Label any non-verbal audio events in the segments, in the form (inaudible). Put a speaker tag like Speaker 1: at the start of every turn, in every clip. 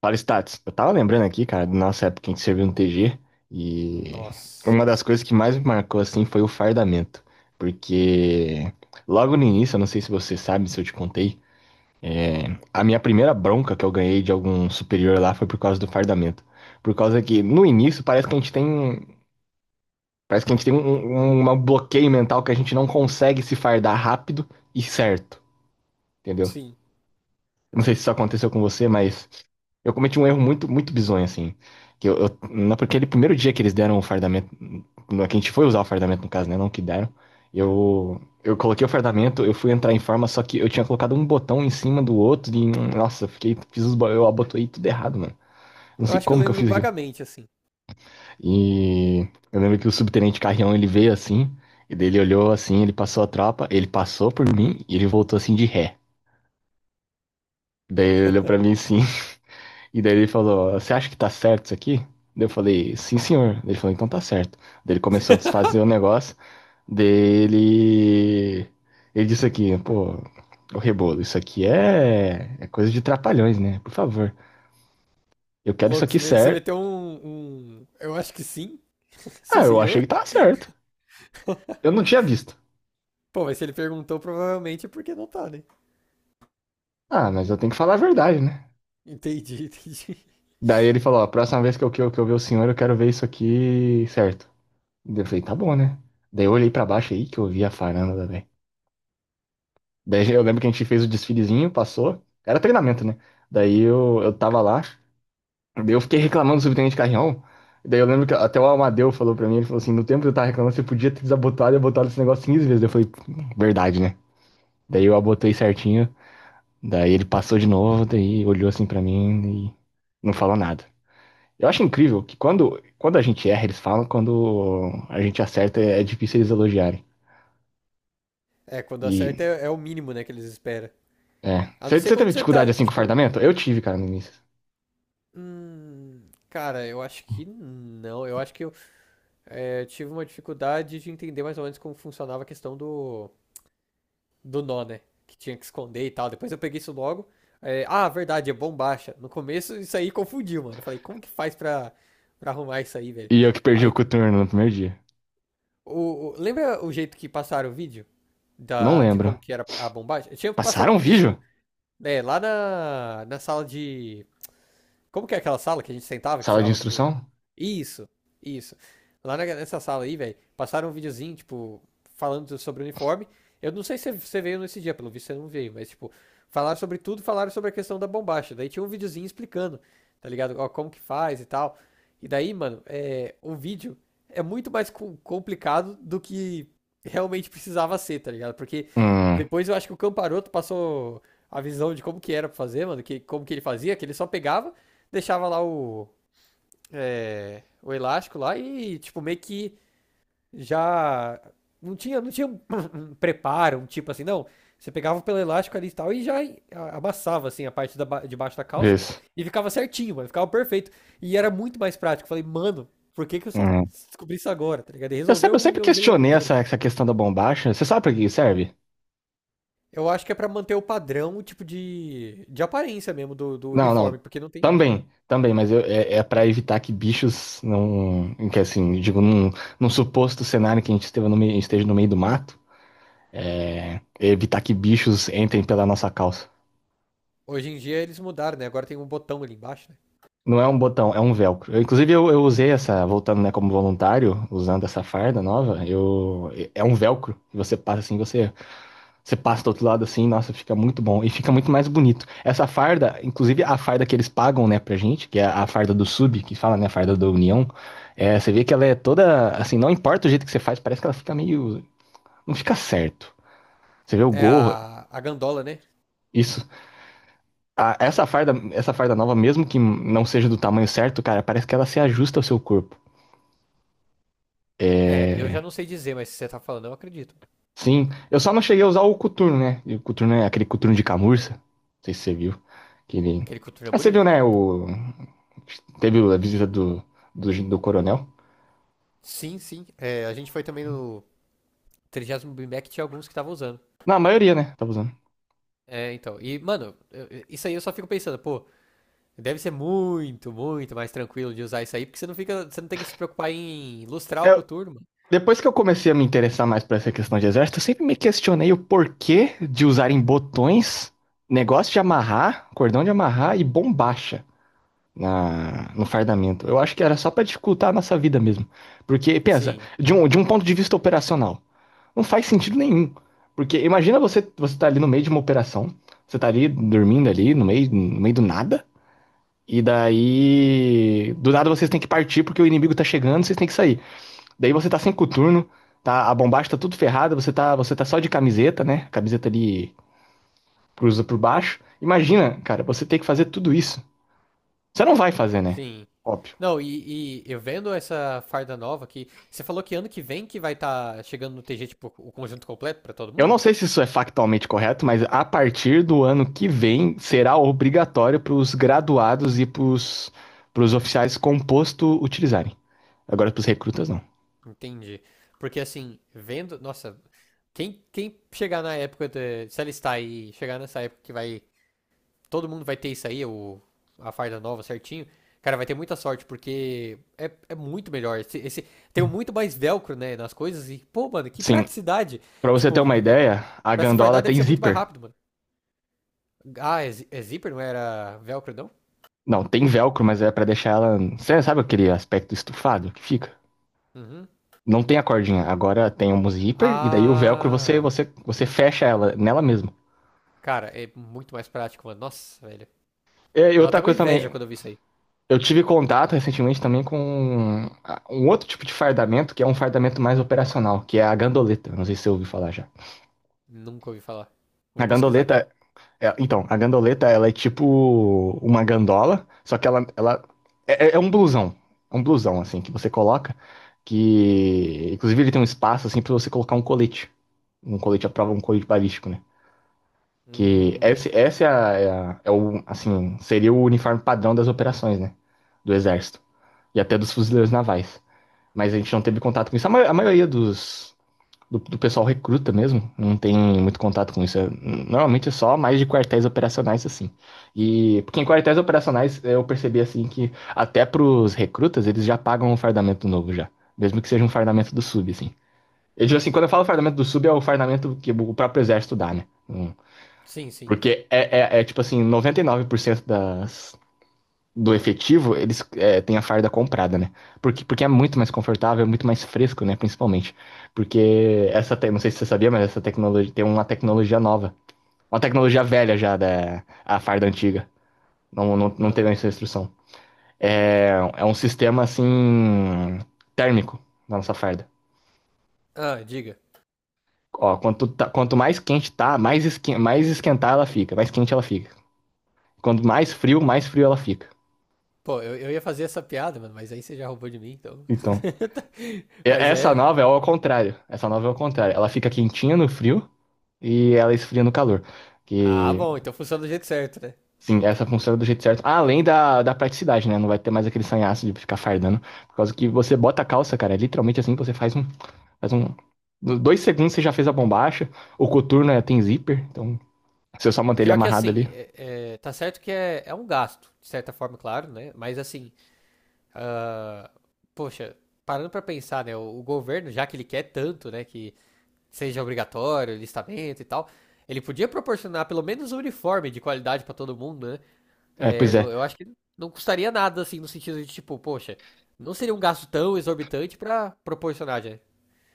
Speaker 1: Fala, Stats. Eu tava lembrando aqui, cara, da nossa época em que serviu no TG, e
Speaker 2: Nossa.
Speaker 1: uma das coisas que mais me marcou, assim, foi o fardamento. Porque logo no início, eu não sei se você sabe, se eu te contei, é, a minha primeira bronca que eu ganhei de algum superior lá foi por causa do fardamento. Por causa que, no início, parece que a gente tem um bloqueio mental que a gente não consegue se fardar rápido e certo, entendeu?
Speaker 2: Sim.
Speaker 1: Não sei se isso aconteceu com você, mas eu cometi um erro muito, muito bizonho, assim. Que eu, eu- Naquele primeiro dia que eles deram o fardamento, que a gente foi usar o fardamento, no caso, né? Não que deram. Eu coloquei o fardamento, eu fui entrar em forma, só que eu tinha colocado um botão em cima do outro e, nossa, eu fiquei, eu abotoei tudo errado, mano. Não
Speaker 2: Eu
Speaker 1: sei
Speaker 2: acho que eu
Speaker 1: como que eu
Speaker 2: lembro
Speaker 1: fiz aquilo.
Speaker 2: vagamente, assim.
Speaker 1: E eu lembro que o subtenente Carrião, ele veio assim, e daí ele olhou assim, ele passou a tropa, ele passou por mim e ele voltou assim de ré. Daí ele olhou pra mim assim. E daí ele falou: Você acha que tá certo isso aqui? Daí eu falei: Sim, senhor. Daí ele falou: Então tá certo. Daí ele começou a desfazer o
Speaker 2: (laughs)
Speaker 1: negócio. Dele. Ele disse aqui: Pô, o rebolo, isso aqui é... é coisa de trapalhões, né? Por favor. Eu quero isso
Speaker 2: Louco,
Speaker 1: aqui
Speaker 2: você
Speaker 1: certo.
Speaker 2: meteu um. Eu acho que sim.
Speaker 1: Ah,
Speaker 2: Sim,
Speaker 1: eu achei
Speaker 2: senhor.
Speaker 1: que tava certo.
Speaker 2: (laughs)
Speaker 1: Eu não tinha visto.
Speaker 2: Pô, mas se ele perguntou, provavelmente é porque não tá, né?
Speaker 1: Ah, mas eu tenho que falar a verdade, né?
Speaker 2: Entendi, (laughs) entendi.
Speaker 1: Daí ele falou: Ó, a próxima vez que eu ver o senhor, eu quero ver isso aqui certo. Daí eu falei: Tá bom, né? Daí eu olhei pra baixo aí que eu vi a varanda, velho. Daí eu lembro que a gente fez o desfilezinho, passou. Era treinamento, né? Daí eu tava lá, daí eu fiquei reclamando do subtenente Carrião. Daí eu lembro que até o Amadeu falou pra mim, ele falou assim, no tempo que eu tava reclamando, você podia ter desabotado e botado esse negócio 15 vezes. Daí eu falei, verdade, né? Daí eu abotei certinho, daí ele passou de novo, daí olhou assim pra mim e não falou nada. Eu acho incrível que quando a gente erra, eles falam, quando a gente acerta, é difícil eles elogiarem.
Speaker 2: É, quando
Speaker 1: E,
Speaker 2: acerta é o mínimo, né, que eles esperam. A não
Speaker 1: Você,
Speaker 2: ser
Speaker 1: você
Speaker 2: quando
Speaker 1: teve
Speaker 2: você tá,
Speaker 1: dificuldade assim com
Speaker 2: tipo.
Speaker 1: fardamento? Eu tive, cara, no início.
Speaker 2: Cara, eu acho que não. Eu acho que eu tive uma dificuldade de entender mais ou menos como funcionava a questão do nó, né? Que tinha que esconder e tal. Depois eu peguei isso logo. É, ah, verdade, é bombacha. No começo isso aí confundiu, mano. Eu falei, como que faz pra, arrumar isso aí, velho?
Speaker 1: E eu que perdi o
Speaker 2: Aí,
Speaker 1: coturno no primeiro dia.
Speaker 2: lembra o jeito que passaram o vídeo
Speaker 1: Não
Speaker 2: de
Speaker 1: lembro.
Speaker 2: como que era a bombacha? Eu tinha passado
Speaker 1: Passaram
Speaker 2: um
Speaker 1: um
Speaker 2: videozinho,
Speaker 1: vídeo?
Speaker 2: né? Lá na sala de, como que é aquela sala que a gente sentava, que
Speaker 1: Sala de
Speaker 2: tirava.
Speaker 1: instrução?
Speaker 2: Isso, isso. Lá nessa sala aí, velho, passaram um videozinho, tipo, falando sobre o uniforme. Eu não sei se você veio nesse dia, pelo visto você não veio, mas, tipo, falaram sobre tudo, falaram sobre a questão da bombacha. Daí tinha um videozinho explicando, tá ligado? Ó, como que faz e tal. E daí, mano, o vídeo é muito mais complicado do que realmente precisava ser, tá ligado? Porque
Speaker 1: Hum,
Speaker 2: depois eu acho que o Camparoto passou a visão de como que era pra fazer, mano, que, como que ele fazia, que ele só pegava, deixava lá o elástico lá e, tipo, meio que já não tinha um, (coughs) preparo, um tipo assim, não. Você pegava pelo elástico ali e tal e já amassava, assim, a parte de baixo da calça
Speaker 1: isso.
Speaker 2: e ficava certinho, mano, ficava perfeito. E era muito mais prático. Falei, mano, por que que eu só
Speaker 1: Hum.
Speaker 2: descobri isso agora, tá ligado? E
Speaker 1: Eu sempre, eu
Speaker 2: resolveu e
Speaker 1: sempre
Speaker 2: eu usei o ano
Speaker 1: questionei
Speaker 2: inteiro.
Speaker 1: essa questão da bombacha. Você sabe pra que serve?
Speaker 2: Eu acho que é pra manter o padrão, o tipo de aparência mesmo do
Speaker 1: Não,
Speaker 2: uniforme,
Speaker 1: não.
Speaker 2: porque não tem.
Speaker 1: Também, também, mas é para evitar que bichos não. Que assim, digo, num suposto cenário que a gente esteve no meio- esteja no meio do mato, evitar que bichos entrem pela nossa calça.
Speaker 2: Hoje em dia eles mudaram, né? Agora tem um botão ali embaixo, né?
Speaker 1: Não é um botão, é um velcro. Eu, inclusive, eu usei essa, voltando, né, como voluntário, usando essa farda nova, eu, é é um velcro. Você passa do outro lado assim, nossa, fica muito bom. E fica muito mais bonito. Essa farda, inclusive a farda que eles pagam, né, pra gente, que é a farda do sub, que fala, né, a farda da União, você vê que ela é toda, assim, não importa o jeito que você faz, parece que ela fica meio, não fica certo. Você vê o
Speaker 2: É
Speaker 1: gorro,
Speaker 2: a gandola, né?
Speaker 1: isso. Essa farda nova, mesmo que não seja do tamanho certo, cara, parece que ela se ajusta ao seu corpo.
Speaker 2: É, eu
Speaker 1: É,
Speaker 2: já não sei dizer, mas se você tá falando, eu acredito.
Speaker 1: sim, eu só não cheguei a usar o coturno, né? E o coturno é aquele coturno de camurça. Não sei se você viu. Que ele...
Speaker 2: Aquele coturno é
Speaker 1: Ah, você viu,
Speaker 2: bonito.
Speaker 1: né? O... Teve a visita do coronel.
Speaker 2: Sim, sim. É, a gente foi também no trigésimo º BIMAC, tinha alguns que estavam usando.
Speaker 1: Na maioria, né? Tava usando.
Speaker 2: É, então. E, mano, isso aí eu só fico pensando, pô, deve ser muito, muito mais tranquilo de usar isso aí, porque você não fica, você não tem que se preocupar em lustrar o
Speaker 1: Eu-
Speaker 2: coturno, mano.
Speaker 1: Depois que eu comecei a me interessar mais por essa questão de exército, eu sempre me questionei o porquê de usarem botões, negócio de amarrar, cordão de amarrar e bombacha no fardamento. Eu acho que era só pra dificultar a nossa vida mesmo. Porque, pensa,
Speaker 2: Sim,
Speaker 1: de um ponto de vista operacional. Não faz sentido nenhum. Porque imagina você, você tá ali no meio de uma operação, você tá ali dormindo ali, no meio do nada, e daí. Do nada vocês têm que partir porque o inimigo tá chegando, vocês têm que sair. Daí você tá sem coturno, tá, a bombacha tá tudo ferrada, você tá só de camiseta, né? Camiseta ali cruza por baixo. Imagina, cara, você tem que fazer tudo isso. Você não vai fazer, né?
Speaker 2: sim.
Speaker 1: Óbvio.
Speaker 2: Não, e eu vendo essa farda nova aqui, você falou que ano que vem que vai estar chegando no TG, tipo, o conjunto completo pra todo
Speaker 1: Eu não
Speaker 2: mundo?
Speaker 1: sei se isso é factualmente correto, mas a partir do ano que vem será obrigatório para os graduados e para os oficiais com posto utilizarem. Agora para os recrutas não.
Speaker 2: Entendi. Porque assim, vendo, nossa, quem, chegar na época, de, se alistar e chegar nessa época que vai todo mundo vai ter isso aí, a farda nova certinho. Cara, vai ter muita sorte, porque é muito melhor. Tem muito mais velcro, né, nas coisas. E, pô, mano, que
Speaker 1: Sim,
Speaker 2: praticidade.
Speaker 1: para você ter
Speaker 2: Tipo,
Speaker 1: uma ideia, a
Speaker 2: pra se
Speaker 1: gandola
Speaker 2: fardar deve
Speaker 1: tem
Speaker 2: ser muito mais
Speaker 1: zíper.
Speaker 2: rápido, mano. Ah, é, é zíper, não era velcro, não?
Speaker 1: Não, tem velcro, mas é para deixar ela, você sabe aquele aspecto estufado que fica?
Speaker 2: Uhum.
Speaker 1: Não tem a cordinha, agora tem um zíper e daí o velcro você
Speaker 2: Ah,
Speaker 1: você você fecha ela nela mesma.
Speaker 2: cara, é muito mais prático, mano. Nossa, velho.
Speaker 1: É, e
Speaker 2: Deu até
Speaker 1: outra
Speaker 2: uma
Speaker 1: coisa também,
Speaker 2: inveja quando eu vi isso aí.
Speaker 1: eu tive contato recentemente também com um outro tipo de fardamento, que é um fardamento mais operacional, que é a gandoleta. Não sei se você ouviu falar já.
Speaker 2: Nunca ouvi falar.
Speaker 1: A
Speaker 2: Vou pesquisar aqui.
Speaker 1: gandoleta, então, a gandoleta, ela é tipo uma gandola, só que ela é, é é um blusão, assim, que você coloca, que, inclusive, ele tem um espaço, assim, pra você colocar um colete à prova, um colete balístico, né? Que
Speaker 2: Hum,
Speaker 1: esse é, a- é, a- é o, assim, seria o uniforme padrão das operações, né? Do exército e até dos fuzileiros navais. Mas a gente não teve contato com isso. A maioria do pessoal recruta mesmo não tem muito contato com isso. Normalmente é só mais de quartéis operacionais, assim. E porque em quartéis operacionais eu percebi, assim, que até pros recrutas eles já pagam um fardamento novo já. Mesmo que seja um fardamento do sub, assim. Eu digo assim, quando eu falo fardamento do sub, é o fardamento que o próprio exército dá, né? Hum.
Speaker 2: sim, sim.
Speaker 1: Porque é tipo assim, 99% das do efetivo, têm a farda comprada, né? Porque é muito mais confortável, é muito mais fresco, né? Principalmente. Porque não sei se você sabia, mas essa tecnologia tem uma tecnologia nova. Uma tecnologia velha já da a farda antiga. Não, não, não
Speaker 2: Ah,
Speaker 1: teve essa instrução. É, é um sistema assim térmico na nossa farda.
Speaker 2: ah, diga.
Speaker 1: Ó, quanto mais quente tá, mais esquentar ela fica, mais quente ela fica. Quanto mais frio ela fica.
Speaker 2: Pô, eu ia fazer essa piada, mano, mas aí você já roubou de mim, então.
Speaker 1: Então,
Speaker 2: (laughs) Mas
Speaker 1: Essa
Speaker 2: é.
Speaker 1: nova é ao contrário. Essa nova é ao contrário. Ela fica quentinha no frio e ela esfria no calor.
Speaker 2: Ah,
Speaker 1: Que,
Speaker 2: bom, então funciona do jeito certo, né?
Speaker 1: sim, essa funciona do jeito certo. Além da praticidade, né? Não vai ter mais aquele sanhaço de ficar fardando. Por causa que você bota a calça, cara. É literalmente assim, você faz um. Dois segundos você já fez a bombacha. O coturno é, tem zíper, então se eu só manter ele
Speaker 2: Pior que
Speaker 1: amarrado
Speaker 2: assim,
Speaker 1: ali.
Speaker 2: tá certo que é um gasto, de certa forma, claro, né? Mas assim, ah, poxa, parando pra pensar, né? O governo, já que ele quer tanto, né, que seja obrigatório, listamento e tal, ele podia proporcionar pelo menos um uniforme de qualidade pra todo mundo, né?
Speaker 1: É,
Speaker 2: É,
Speaker 1: pois é.
Speaker 2: eu acho que não custaria nada, assim, no sentido de, tipo, poxa, não seria um gasto tão exorbitante pra proporcionar,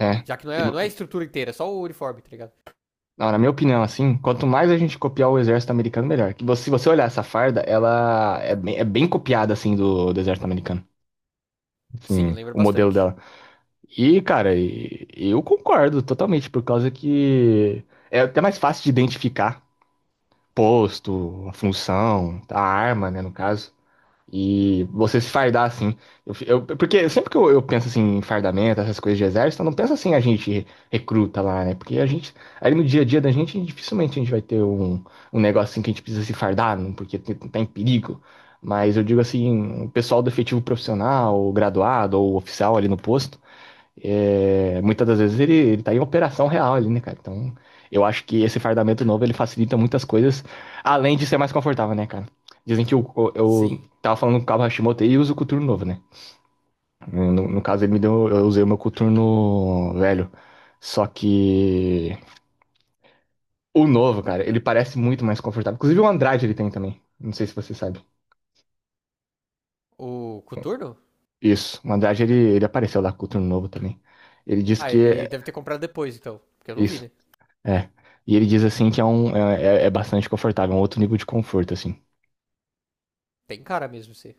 Speaker 1: É.
Speaker 2: já que não
Speaker 1: E,
Speaker 2: é, não é a estrutura inteira, é só o uniforme, tá ligado?
Speaker 1: não, na minha opinião, assim, quanto mais a gente copiar o exército americano, melhor. Se você olhar essa farda, ela é bem copiada, assim, do exército americano.
Speaker 2: Sim,
Speaker 1: Sim,
Speaker 2: lembra
Speaker 1: o modelo
Speaker 2: bastante.
Speaker 1: dela. E, cara, eu concordo totalmente, por causa que é até mais fácil de identificar posto, a função, a arma, né, no caso. E você se fardar assim. Porque sempre que eu penso assim em fardamento, essas coisas de exército, eu não penso assim a gente recruta lá, né? Porque a gente, ali no dia a dia da gente, dificilmente a gente vai ter um, um negócio assim que a gente precisa se fardar, não, porque tá em perigo. Mas eu digo assim, o pessoal do efetivo profissional, o graduado ou o oficial ali no posto. É, muitas das vezes ele tá em operação real ali, né, cara? Então, eu acho que esse fardamento novo ele facilita muitas coisas, além de ser mais confortável, né, cara? Dizem que eu
Speaker 2: Sim.
Speaker 1: tava falando com o Cabo Hashimoto e uso o coturno novo, né? No caso, ele me deu, eu usei o meu coturno velho. Só que o novo, cara, ele parece muito mais confortável. Inclusive o Andrade ele tem também. Não sei se você sabe.
Speaker 2: O coturno?
Speaker 1: Isso, o Andrade ele apareceu lá com o coturno novo também. Ele disse
Speaker 2: Ah,
Speaker 1: que
Speaker 2: ele
Speaker 1: é
Speaker 2: deve ter comprado depois, então, porque eu não vi,
Speaker 1: isso.
Speaker 2: né?
Speaker 1: É. E ele diz assim que é bastante confortável, é um outro nível de conforto, assim.
Speaker 2: Tem cara mesmo, sim.